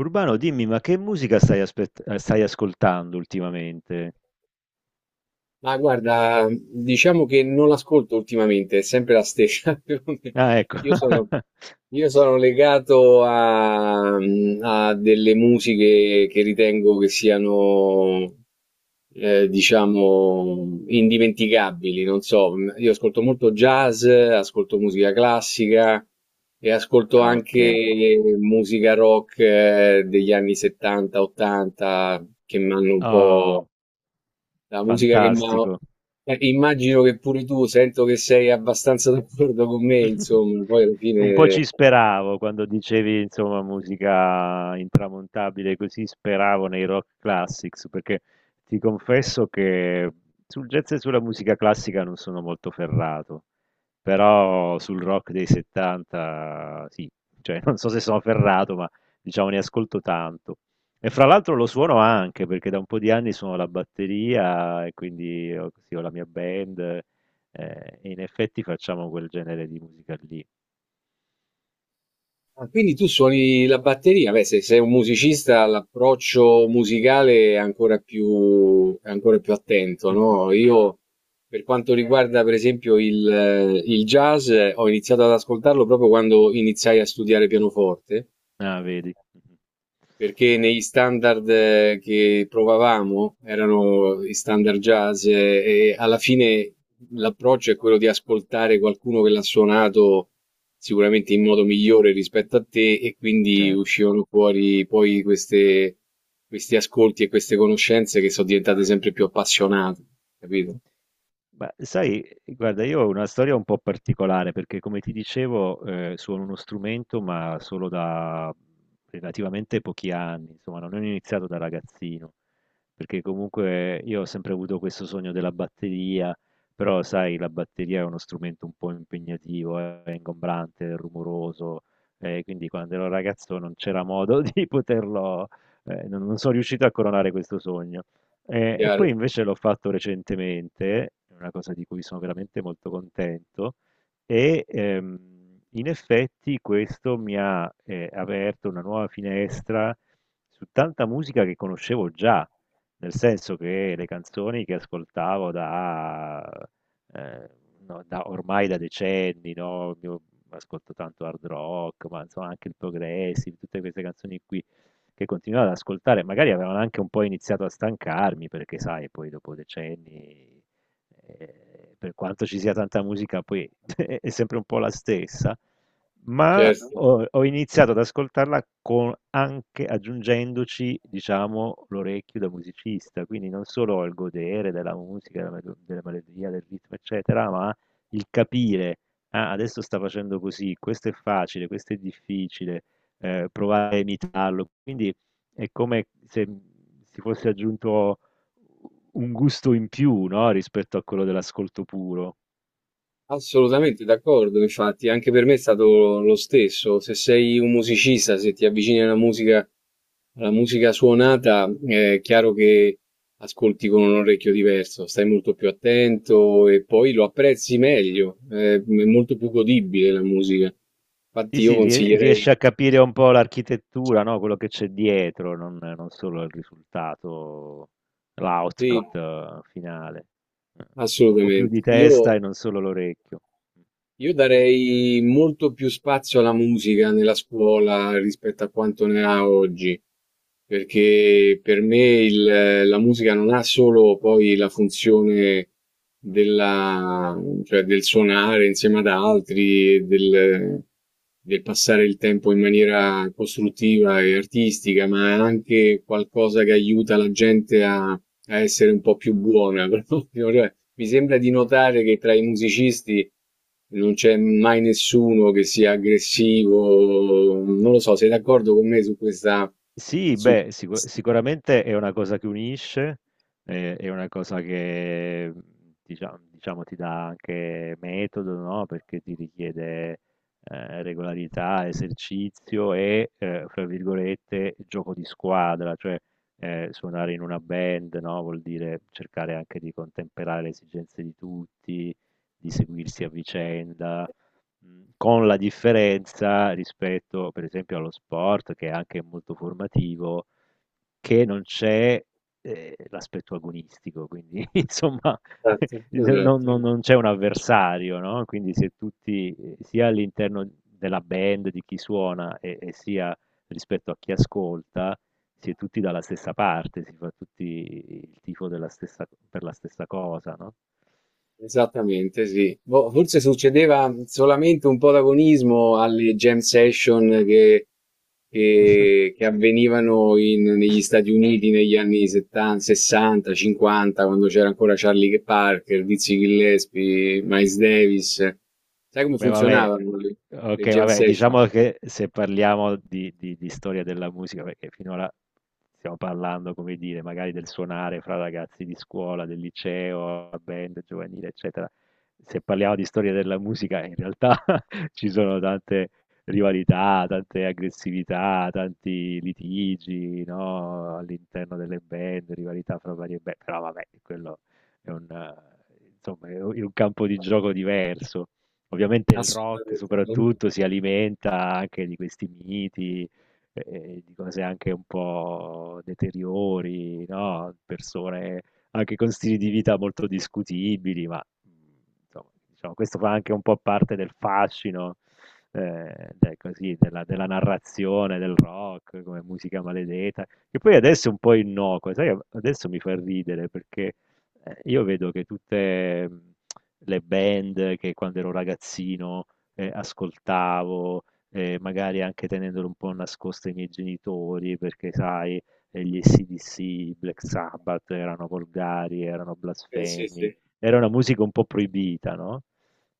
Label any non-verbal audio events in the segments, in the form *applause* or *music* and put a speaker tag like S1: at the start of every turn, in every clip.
S1: Urbano, dimmi, ma che musica stai, stai ascoltando ultimamente?
S2: Ma guarda, diciamo che non l'ascolto ultimamente, è sempre la stessa. *laughs*
S1: Ah, ecco.
S2: Io sono,
S1: *laughs*
S2: io sono legato a, a delle musiche che ritengo che siano, diciamo, indimenticabili. Non so, io ascolto molto jazz, ascolto musica classica e ascolto
S1: Ah, ok.
S2: anche musica rock degli anni 70-80 che mi hanno un po'.
S1: Oh,
S2: La musica che mi ha...
S1: fantastico.
S2: immagino che pure tu, sento che sei abbastanza *laughs* d'accordo con me,
S1: *laughs*
S2: insomma, poi alla fine...
S1: Un po' ci
S2: eh.
S1: speravo quando dicevi, insomma, musica intramontabile, così speravo nei rock classics, perché ti confesso che sul jazz e sulla musica classica non sono molto ferrato. Però sul rock dei 70 sì, cioè *laughs* non so se sono ferrato, ma diciamo ne ascolto tanto. E fra l'altro lo suono anche perché da un po' di anni suono la batteria e quindi ho, sì, ho la mia band e in effetti facciamo quel genere di musica lì.
S2: Ah, quindi tu suoni la batteria, beh, se sei un musicista l'approccio musicale è è ancora più attento,
S1: *laughs*
S2: no? Io, per quanto riguarda per esempio il jazz, ho iniziato ad ascoltarlo proprio quando iniziai a studiare pianoforte
S1: Ah, vedi,
S2: perché negli standard che provavamo erano i standard jazz e alla fine l'approccio è quello di ascoltare qualcuno che l'ha suonato sicuramente in modo migliore rispetto a te e quindi
S1: certo.
S2: uscivano fuori poi questi ascolti e queste conoscenze che sono diventate sempre più appassionate, capito?
S1: Beh, sai, guarda, io ho una storia un po' particolare perché, come ti dicevo, suono uno strumento, ma solo da relativamente pochi anni, insomma, non ho iniziato da ragazzino, perché comunque io ho sempre avuto questo sogno della batteria, però, sai, la batteria è uno strumento un po' impegnativo, è ingombrante, è rumoroso, quindi quando ero ragazzo non c'era modo *laughs* di poterlo, non sono riuscito a coronare questo sogno. E poi
S2: Chiaro?
S1: invece l'ho fatto recentemente, è una cosa di cui sono veramente molto contento, e, in effetti questo mi ha, aperto una nuova finestra su tanta musica che conoscevo già, nel senso che le canzoni che ascoltavo da ehm, no, da ormai da decenni, no, io ascolto tanto hard rock, ma insomma anche il progressive, tutte queste canzoni qui che continuavo ad ascoltare, magari avevano anche un po' iniziato a stancarmi, perché sai, poi dopo decenni, per quanto ci sia tanta musica, poi *laughs* è sempre un po' la stessa, ma
S2: Certo.
S1: ho, ho iniziato anche aggiungendoci, diciamo, l'orecchio da musicista, quindi non solo il godere della musica, della melodia, del ritmo, eccetera, ma il capire, ah, adesso sta facendo così, questo è facile, questo è difficile provare a imitarlo. Quindi è come se si fosse aggiunto un gusto in più, no, rispetto a quello dell'ascolto puro.
S2: Assolutamente d'accordo, infatti, anche per me è stato lo stesso. Se sei un musicista, se ti avvicini alla musica suonata, è chiaro che ascolti con un orecchio diverso, stai molto più attento e poi lo apprezzi meglio, è molto più godibile la musica. Infatti
S1: Sì,
S2: io
S1: sì,
S2: consiglierei,
S1: riesce a capire un po' l'architettura, no, quello che c'è dietro, non, non solo il risultato,
S2: sì,
S1: l'output finale. C'è un po' più di
S2: assolutamente.
S1: testa
S2: Io
S1: e non solo l'orecchio.
S2: Io darei molto più spazio alla musica nella scuola rispetto a quanto ne ha oggi, perché per me la musica non ha solo poi la funzione della- cioè del suonare insieme ad altri, del passare il tempo in maniera costruttiva e artistica, ma è anche qualcosa che aiuta la gente a essere un po' più buona, *laughs* proprio. Cioè, mi sembra di notare che tra i musicisti non c'è mai nessuno che sia aggressivo. Non lo so, sei d'accordo con me su questa...
S1: Sì,
S2: Su...
S1: beh, sicuramente è una cosa che unisce, è una cosa che diciamo, ti dà anche metodo, no? Perché ti richiede regolarità, esercizio e, fra virgolette, gioco di squadra, cioè suonare in una band, no? Vuol dire cercare anche di contemperare le esigenze di tutti, di seguirsi a vicenda. Con la differenza rispetto, per esempio, allo sport che è anche molto formativo, che non c'è, l'aspetto agonistico, quindi *laughs* insomma *laughs*
S2: Esatto,
S1: non non
S2: esatto.
S1: non non c'è un avversario, no, quindi se tutti, sia all'interno della band di chi suona e sia rispetto a chi ascolta, si è tutti dalla stessa parte, si fa tutti il tifo della stessa per la stessa cosa, no?
S2: Esattamente, sì. Boh, forse succedeva solamente un po' d'agonismo alle jam session che
S1: *laughs*
S2: avvenivano negli Stati Uniti negli anni 70, 60, 50, quando c'era ancora Charlie Parker, Dizzy Gillespie, Miles Davis. Sai come
S1: Beh, vabbè,
S2: funzionavano le
S1: ok,
S2: jam
S1: vabbè,
S2: session?
S1: diciamo che se parliamo di, di storia della musica, perché finora stiamo parlando, come dire, magari del suonare fra ragazzi di scuola, del liceo, la band giovanile, eccetera. Se parliamo di storia della musica, in realtà *laughs* ci sono tante rivalità, tante aggressività, tanti litigi, no? All'interno delle band, rivalità fra varie band, però vabbè, quello è un, insomma, è un campo di gioco diverso. Ovviamente il rock
S2: Assolutamente no.
S1: soprattutto si alimenta anche di questi miti, di cose anche un po' deteriori, no, persone anche con stili di vita molto discutibili, ma, mhmm, insomma, diciamo questo fa anche un po' parte del fascino, de così, della narrazione del rock come musica maledeta, che poi adesso è un po' innocua, sai, adesso mi fa ridere perché, io vedo che tutte, mhmm le band che quando ero ragazzino ascoltavo, magari anche tenendole un po' nascoste ai miei genitori, perché sai, gli AC/DC, i Black Sabbath erano volgari, erano
S2: Sì,
S1: blasfemi,
S2: sì,
S1: era una musica un po' proibita, no?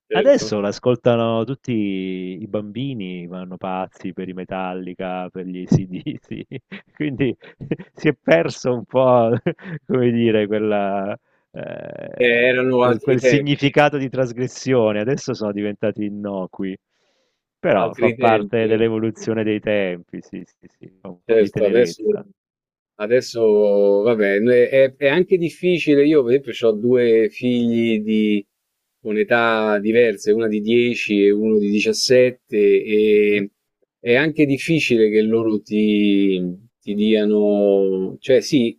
S2: certo.
S1: Adesso l'ascoltano tutti i bambini, vanno pazzi per i Metallica, per gli AC/DC, *laughs* quindi si è perso un po', *laughs* come dire, quella,
S2: Erano
S1: quel
S2: altri
S1: quel
S2: tempi,
S1: significato di trasgressione, adesso sono diventati innocui. Però
S2: altri
S1: fa parte
S2: tempi, altri tempi.
S1: dell'evoluzione dei tempi, sì, sì, sì, fa un po' di
S2: Certo, adesso,
S1: tenerezza.
S2: adesso vabbè, è anche difficile, io per esempio ho due figli con età diverse, una di 10 e uno di 17,
S1: Mh-mh.
S2: e è anche difficile che loro ti, ti diano, cioè sì,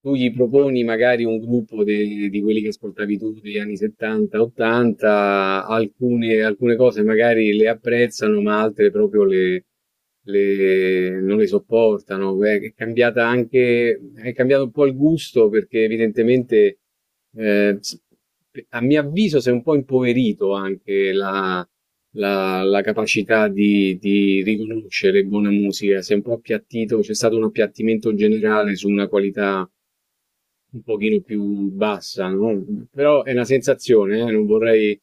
S2: tu gli proponi magari un gruppo di quelli che ascoltavi tu degli anni 70, 80, alcune cose magari le apprezzano, ma altre proprio non le sopportano. È cambiata anche, è cambiato un po' il gusto perché evidentemente eh, a mio avviso si è un po' impoverito anche la capacità di riconoscere buona musica, si è un po' appiattito, c'è stato un appiattimento generale su una qualità un pochino più bassa, no, però è una sensazione,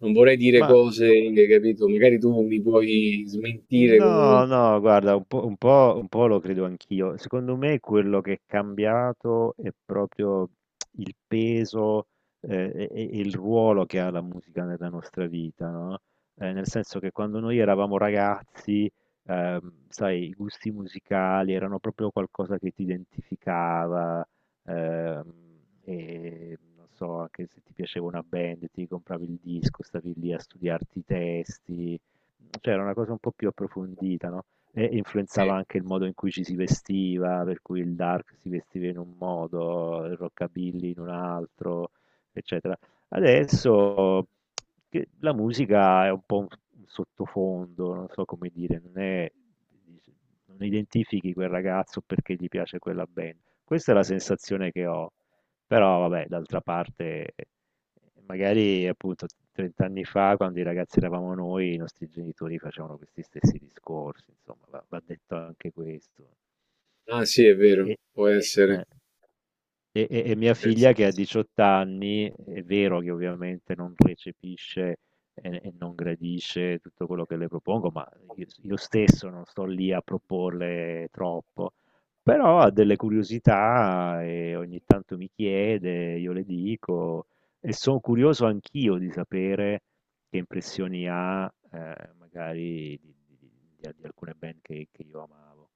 S2: non vorrei dire
S1: Ma
S2: cose, capito, magari tu mi puoi smentire con
S1: no, no, guarda, un po', un po', un po' lo credo anch'io. Secondo me quello che è cambiato è proprio il peso e il ruolo che ha la musica nella nostra vita, no? Nel senso che quando noi eravamo ragazzi, sai, i gusti musicali erano proprio qualcosa che ti identificava, ehm, e non so, anche se ti piaceva una band, ti compravi il disco, stavi lì a studiarti i testi. Cioè era una cosa un po' più approfondita, no, e
S2: sì.
S1: influenzava anche il modo in cui ci si vestiva, per cui il dark si vestiva in un modo, il rockabilly in un altro, eccetera. Adesso che la musica è un po' un sottofondo, non so come dire, non è non identifichi quel ragazzo perché gli piace quella band. Questa è la sensazione che ho, però vabbè, d'altra parte magari appunto 30 anni fa, quando i ragazzi eravamo noi, i nostri genitori facevano questi stessi discorsi, insomma, va, va detto anche questo.
S2: Ah sì, è vero,
S1: E-
S2: può essere.
S1: eh. E, e mia
S2: È
S1: figlia che ha 18 anni, è vero che ovviamente non recepisce e non gradisce tutto quello che le propongo, ma io stesso non sto lì a proporle troppo, però ha delle curiosità e ogni tanto mi chiede, io le dico e sono curioso anch'io di sapere che impressioni ha magari di, di alcune band che io amavo.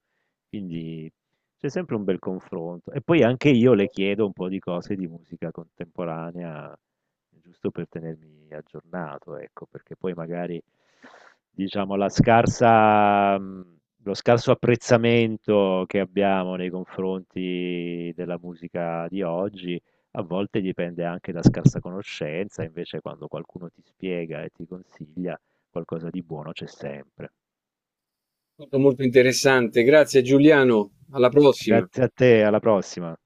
S1: Quindi c'è sempre un bel confronto. E poi anche io le chiedo un po' di cose di musica contemporanea, giusto per tenermi aggiornato, ecco, perché poi magari, diciamo, la scarsa, lo scarso apprezzamento che abbiamo nei confronti della musica di oggi, a volte dipende anche da scarsa conoscenza, invece quando qualcuno ti spiega e ti consiglia, qualcosa di buono c'è sempre.
S2: stato molto interessante. Grazie Giuliano, alla prossima.
S1: Grazie a te, alla prossima.